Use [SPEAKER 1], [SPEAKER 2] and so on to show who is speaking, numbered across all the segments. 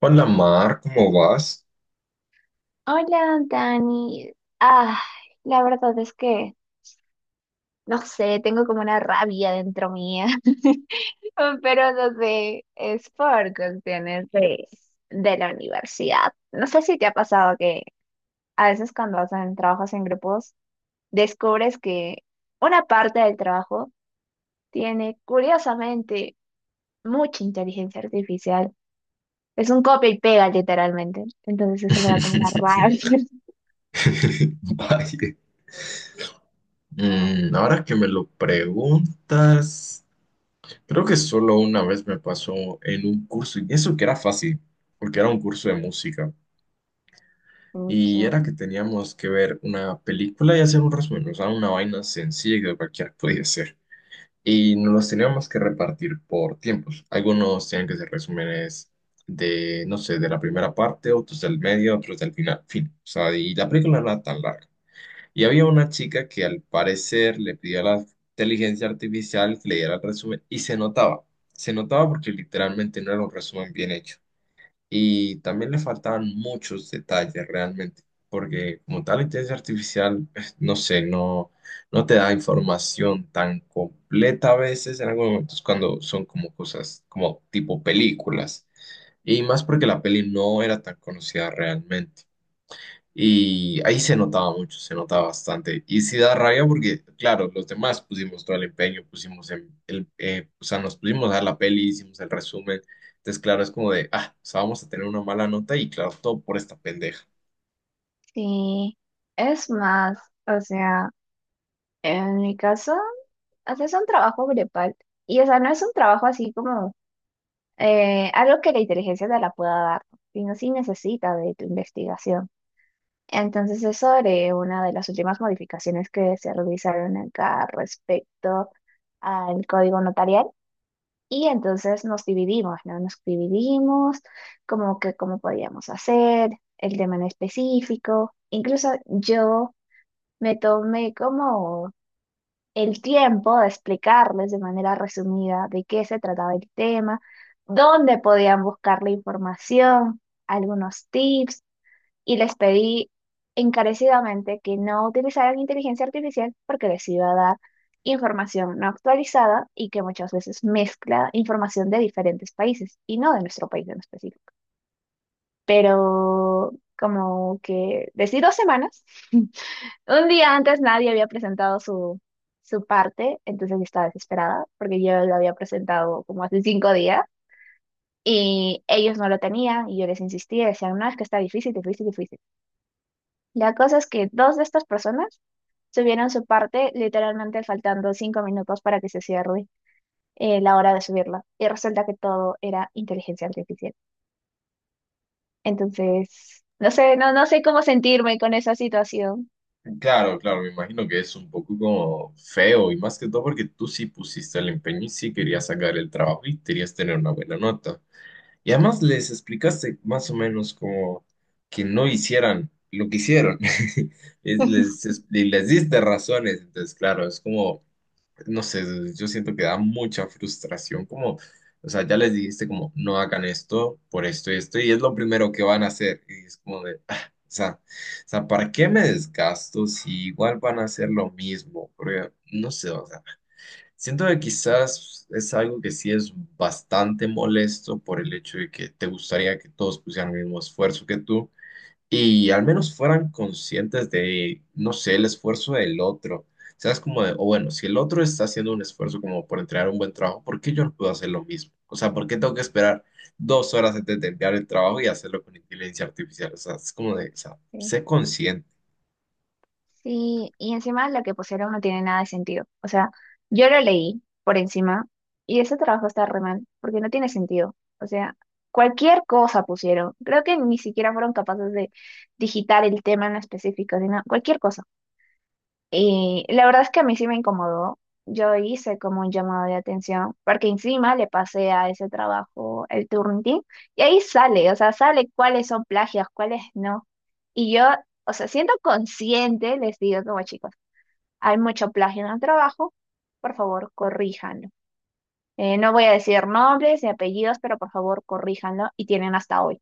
[SPEAKER 1] Hola Mar, ¿cómo vas?
[SPEAKER 2] Hola, Dani. Ah, la verdad es que, no sé, tengo como una rabia dentro mía, pero no sé, es por cuestiones de la universidad. No sé si te ha pasado que a veces cuando hacen trabajos en grupos, descubres que una parte del trabajo tiene, curiosamente, mucha inteligencia artificial. Es un copia y pega, literalmente. Entonces eso me da como una rabia.
[SPEAKER 1] Vaya. Ahora que me lo preguntas, creo que solo una vez me pasó en un curso, y eso que era fácil, porque era un curso de música,
[SPEAKER 2] Ok.
[SPEAKER 1] y era que teníamos que ver una película y hacer un resumen, o sea, una vaina sencilla que cualquiera podía hacer. Y nos los teníamos que repartir por tiempos. Algunos tenían que ser resúmenes de, no sé, de la primera parte, otros del medio, otros del final, fin. O sea, y la película no era tan larga. Y había una chica que al parecer le pidió a la inteligencia artificial que le diera el resumen y se notaba porque literalmente no era un resumen bien hecho. Y también le faltaban muchos detalles realmente, porque como tal inteligencia artificial, pues, no sé, no, no te da información tan completa a veces en algunos momentos cuando son como cosas como tipo películas. Y más porque la peli no era tan conocida realmente. Y ahí se notaba mucho, se notaba bastante. Y sí da rabia porque, claro, los demás pusimos todo el empeño, pusimos el, o sea, nos pusimos a ver la peli, hicimos el resumen. Entonces, claro, es como de, ah, o sea, vamos a tener una mala nota y claro, todo por esta pendeja.
[SPEAKER 2] Sí, es más, o sea, en mi caso, o es un trabajo grupal y, o sea, no es un trabajo así como algo que la inteligencia te la pueda dar, sino si necesita de tu investigación. Entonces, es sobre una de las últimas modificaciones que se realizaron acá respecto al código notarial y entonces nos dividimos, ¿no? Nos dividimos como que cómo podíamos hacer, el tema en específico, incluso yo... Me tomé como el tiempo de explicarles de manera resumida de qué se trataba el tema, dónde podían buscar la información, algunos tips y les pedí encarecidamente que no utilizaran inteligencia artificial porque les iba a dar información no actualizada y que muchas veces mezcla información de diferentes países y no de nuestro país en específico. Pero como que decí 2 semanas. Un día antes nadie había presentado su parte, entonces yo estaba desesperada porque yo lo había presentado como hace 5 días y ellos no lo tenían y yo les insistía, decían, no, es que está difícil, difícil, difícil. La cosa es que dos de estas personas subieron su parte literalmente faltando 5 minutos para que se cierre la hora de subirla y resulta que todo era inteligencia artificial. Entonces, no sé, no, no sé cómo sentirme con esa situación.
[SPEAKER 1] Claro, claro, me imagino que es un poco como feo y más que todo porque tú sí pusiste el empeño y sí querías sacar el trabajo y querías tener una buena nota. Y además les explicaste más o menos como que no hicieran lo que hicieron. Y les diste razones. Entonces, claro, es como, no sé, yo siento que da mucha frustración. Como, o sea, ya les dijiste como, no hagan esto por esto y esto, y es lo primero que van a hacer. Y es como de, ah, o sea, ¿para qué me desgasto si igual van a hacer lo mismo? Porque, no sé, o sea. Siento que quizás es algo que sí es bastante molesto por el hecho de que te gustaría que todos pusieran el mismo esfuerzo que tú y al menos fueran conscientes de, no sé, el esfuerzo del otro. O sea, es como de, o bueno, si el otro está haciendo un esfuerzo como por entregar un buen trabajo, ¿por qué yo no puedo hacer lo mismo? O sea, ¿por qué tengo que esperar 2 horas antes de enviar el trabajo y hacerlo con inteligencia artificial? O sea, es como de, o sea,
[SPEAKER 2] Sí.
[SPEAKER 1] sé consciente.
[SPEAKER 2] Sí, y encima lo que pusieron no tiene nada de sentido. O sea, yo lo leí por encima y ese trabajo está re mal, porque no tiene sentido. O sea, cualquier cosa pusieron. Creo que ni siquiera fueron capaces de digitar el tema en específico, sino cualquier cosa. Y la verdad es que a mí sí me incomodó. Yo hice como un llamado de atención, porque encima le pasé a ese trabajo el Turnitin, y ahí sale, o sea, sale cuáles son plagios, cuáles no. Y yo, o sea, siendo consciente, les digo como chicos, hay mucho plagio en el trabajo, por favor, corríjanlo. No voy a decir nombres ni apellidos, pero por favor, corríjanlo, y tienen hasta hoy.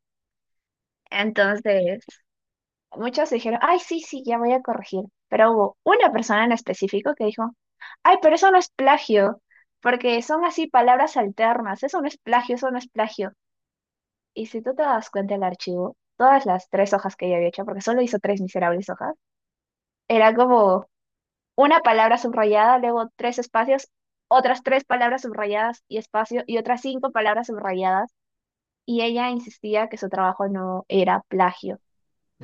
[SPEAKER 2] Entonces, muchos dijeron, ay, sí, sí, ya voy a corregir. Pero hubo una persona en específico que dijo, ay, pero eso no es plagio, porque son así palabras alternas, eso no es plagio, eso no es plagio. Y si tú te das cuenta del archivo, todas las tres hojas que ella había hecho, porque solo hizo tres miserables hojas, era como una palabra subrayada, luego tres espacios, otras tres palabras subrayadas y espacio, y otras cinco palabras subrayadas. Y ella insistía que su trabajo no era plagio.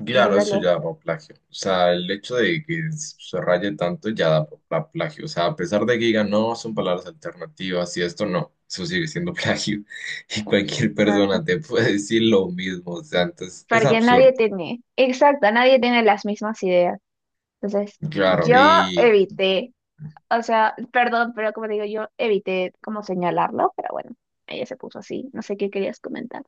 [SPEAKER 1] Claro,
[SPEAKER 2] Entonces,
[SPEAKER 1] eso ya
[SPEAKER 2] lo...
[SPEAKER 1] da por plagio. O sea, el hecho de que se raye tanto ya da por plagio. O sea, a pesar de que digan, no, son palabras alternativas y esto no, eso sigue siendo plagio. Y cualquier
[SPEAKER 2] Exacto.
[SPEAKER 1] persona te puede decir lo mismo. O sea, entonces es
[SPEAKER 2] Porque nadie
[SPEAKER 1] absurdo.
[SPEAKER 2] tiene, exacto, nadie tiene las mismas ideas. Entonces,
[SPEAKER 1] Claro,
[SPEAKER 2] yo
[SPEAKER 1] y,
[SPEAKER 2] evité, o sea, perdón, pero como te digo, yo evité como señalarlo, pero bueno, ella se puso así, no sé qué querías comentar.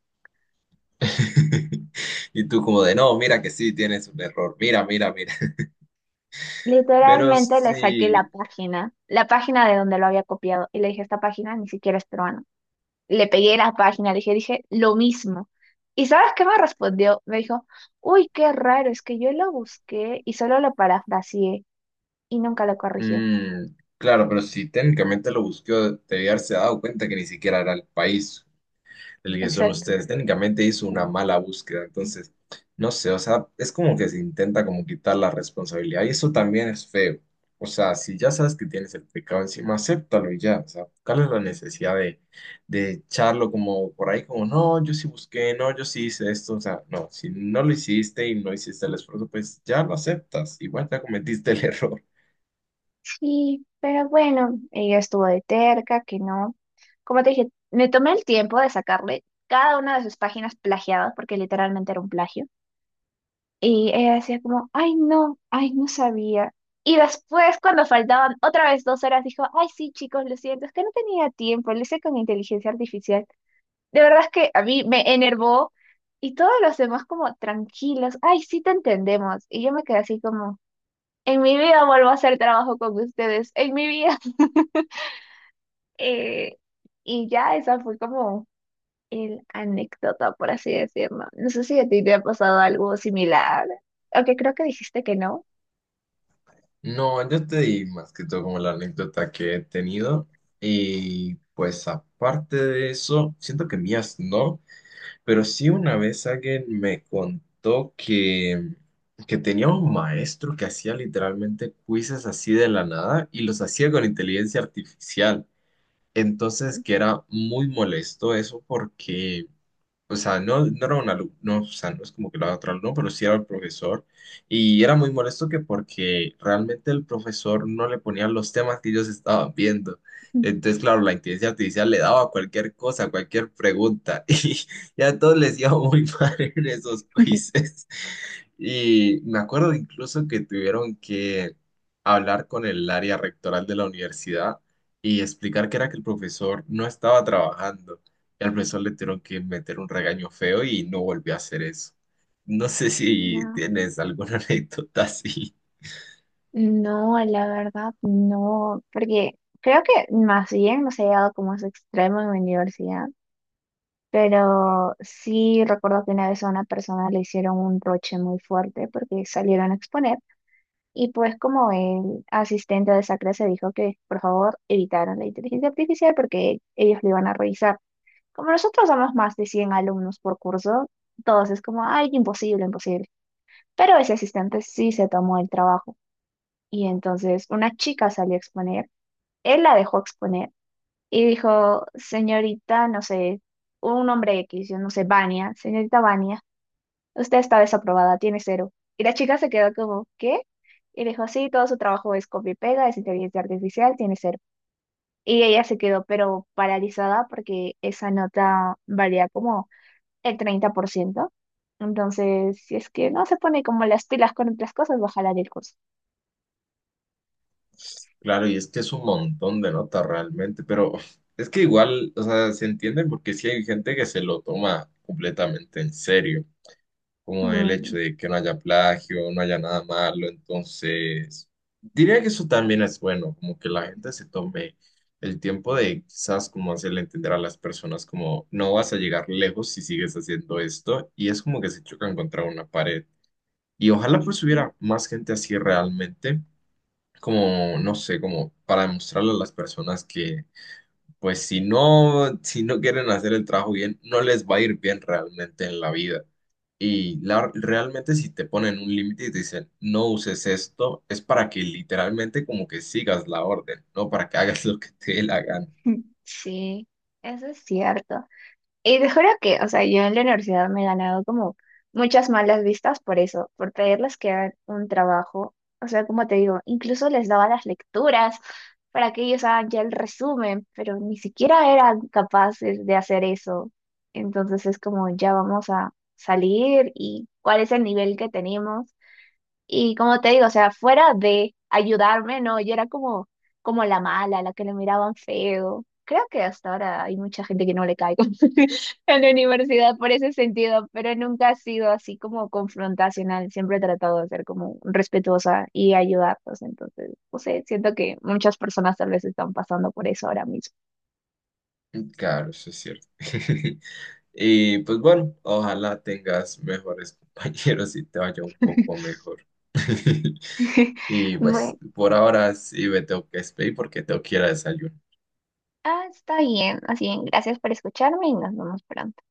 [SPEAKER 1] y tú como de, no, mira que sí, tienes un error. Mira, mira, mira. Pero
[SPEAKER 2] Literalmente le saqué
[SPEAKER 1] sí,
[SPEAKER 2] la página de donde lo había copiado, y le dije, esta página ni siquiera es peruana. Le pegué la página, le dije, lo mismo. ¿Y sabes qué me respondió? Me dijo, uy, qué raro, es que yo lo busqué y solo lo parafraseé y nunca lo corrigió.
[SPEAKER 1] mm, claro, pero si técnicamente lo busquó, debía haberse dado cuenta que ni siquiera era el país. El que son ustedes. Técnicamente hizo una mala búsqueda, entonces, no sé, o sea, es como que se intenta como quitar la responsabilidad y eso también es feo. O sea, si ya sabes que tienes el pecado encima, acéptalo y ya. O sea, ¿cuál es la necesidad de echarlo como por ahí, como, no, yo sí busqué, no, yo sí hice esto? O sea, no, si no lo hiciste y no hiciste el esfuerzo, pues ya lo aceptas. Igual ya cometiste el error.
[SPEAKER 2] Sí, pero bueno, ella estuvo de terca, que no. Como te dije, me tomé el tiempo de sacarle cada una de sus páginas plagiadas, porque literalmente era un plagio. Y ella decía como, ay no sabía. Y después, cuando faltaban otra vez 2 horas, dijo, ay sí, chicos, lo siento, es que no tenía tiempo, lo hice con inteligencia artificial. De verdad es que a mí me enervó y todos los demás como tranquilos, ay sí te entendemos. Y yo me quedé así como, en mi vida vuelvo a hacer trabajo con ustedes, en mi vida. Eh, y ya esa fue como el anécdota, por así decirlo. No sé si a ti te ha pasado algo similar, aunque creo que dijiste que no.
[SPEAKER 1] No, yo te di más que todo como la anécdota que he tenido y pues aparte de eso, siento que mías no, pero sí una vez alguien me contó que tenía un maestro que hacía literalmente quizzes así de la nada y los hacía con inteligencia artificial. Entonces que era muy molesto eso porque o sea, no, no era un alumno, no, o sea, no es como que lo haga otro alumno, pero sí era el profesor. Y era muy molesto que porque realmente el profesor no le ponía los temas que ellos estaban viendo. Entonces, claro, la inteligencia artificial le daba cualquier cosa, cualquier pregunta. Y ya a todos les iba muy mal en esos quizzes. Y me acuerdo incluso que tuvieron que hablar con el área rectoral de la universidad y explicar que era que el profesor no estaba trabajando al profesor le tuvieron que meter un regaño feo y no volvió a hacer eso. No sé si
[SPEAKER 2] No,
[SPEAKER 1] tienes alguna anécdota así.
[SPEAKER 2] no, la verdad no, porque creo que más bien no se ha llegado como a ese extremo en mi universidad, pero sí recuerdo que una vez a una persona le hicieron un roche muy fuerte porque salieron a exponer. Y pues como el asistente de esa clase dijo que por favor evitaran la inteligencia artificial porque ellos lo iban a revisar. Como nosotros somos más de 100 alumnos por curso, todos es como, ay, imposible, imposible. Pero ese asistente sí se tomó el trabajo. Y entonces una chica salió a exponer, él la dejó exponer y dijo, señorita, no sé, un nombre X, yo no sé, Vania, señorita Vania. Usted está desaprobada, tiene cero. Y la chica se quedó como, ¿qué? Y dijo, sí, todo su trabajo es copia y pega, es inteligencia artificial, tiene cero. Y ella se quedó, pero paralizada porque esa nota valía como el 30 por ciento. Entonces, si es que no se pone como las pilas con otras cosas, va a jalar el curso.
[SPEAKER 1] Claro, y es que es un montón de notas realmente, pero es que igual, o sea, se entiende porque sí hay gente que se lo toma completamente en serio. Como el
[SPEAKER 2] Mm.
[SPEAKER 1] hecho de que no haya plagio, no haya nada malo. Entonces, diría que eso también es bueno, como que la gente se tome el tiempo de quizás como hacerle entender a las personas como no vas a llegar lejos si sigues haciendo esto y es como que se chocan contra una pared. Y ojalá pues hubiera más gente así realmente, como, no sé, como para demostrarle a las personas que pues si no, si no quieren hacer el trabajo bien, no les va a ir bien realmente en la vida. Y realmente si te ponen un límite y te dicen, no uses esto, es para que literalmente como que sigas la orden, no para que hagas lo que te dé la gana.
[SPEAKER 2] Sí, eso es cierto. Y te juro que, o sea, yo en la universidad me he ganado como muchas malas vistas por eso, por pedirles que hagan un trabajo. O sea, como te digo, incluso les daba las lecturas para que ellos hagan ya el resumen, pero ni siquiera eran capaces de hacer eso. Entonces es como, ya vamos a salir y cuál es el nivel que tenemos. Y como te digo, o sea, fuera de ayudarme, no, yo era como, como la mala, la que le miraban feo. Creo que hasta ahora hay mucha gente que no le caigo en la universidad por ese sentido, pero nunca ha sido así como confrontacional. Siempre he tratado de ser como respetuosa y ayudarlos. Entonces, no sé, siento que muchas personas tal vez están pasando por eso ahora mismo.
[SPEAKER 1] Claro, eso es cierto. Y pues bueno, ojalá tengas mejores compañeros y te vaya un poco mejor. Y pues
[SPEAKER 2] Bueno,
[SPEAKER 1] por ahora sí me tengo que despedir porque tengo que ir a desayunar.
[SPEAKER 2] ah, está bien. Así, bien, gracias por escucharme y nos vemos pronto.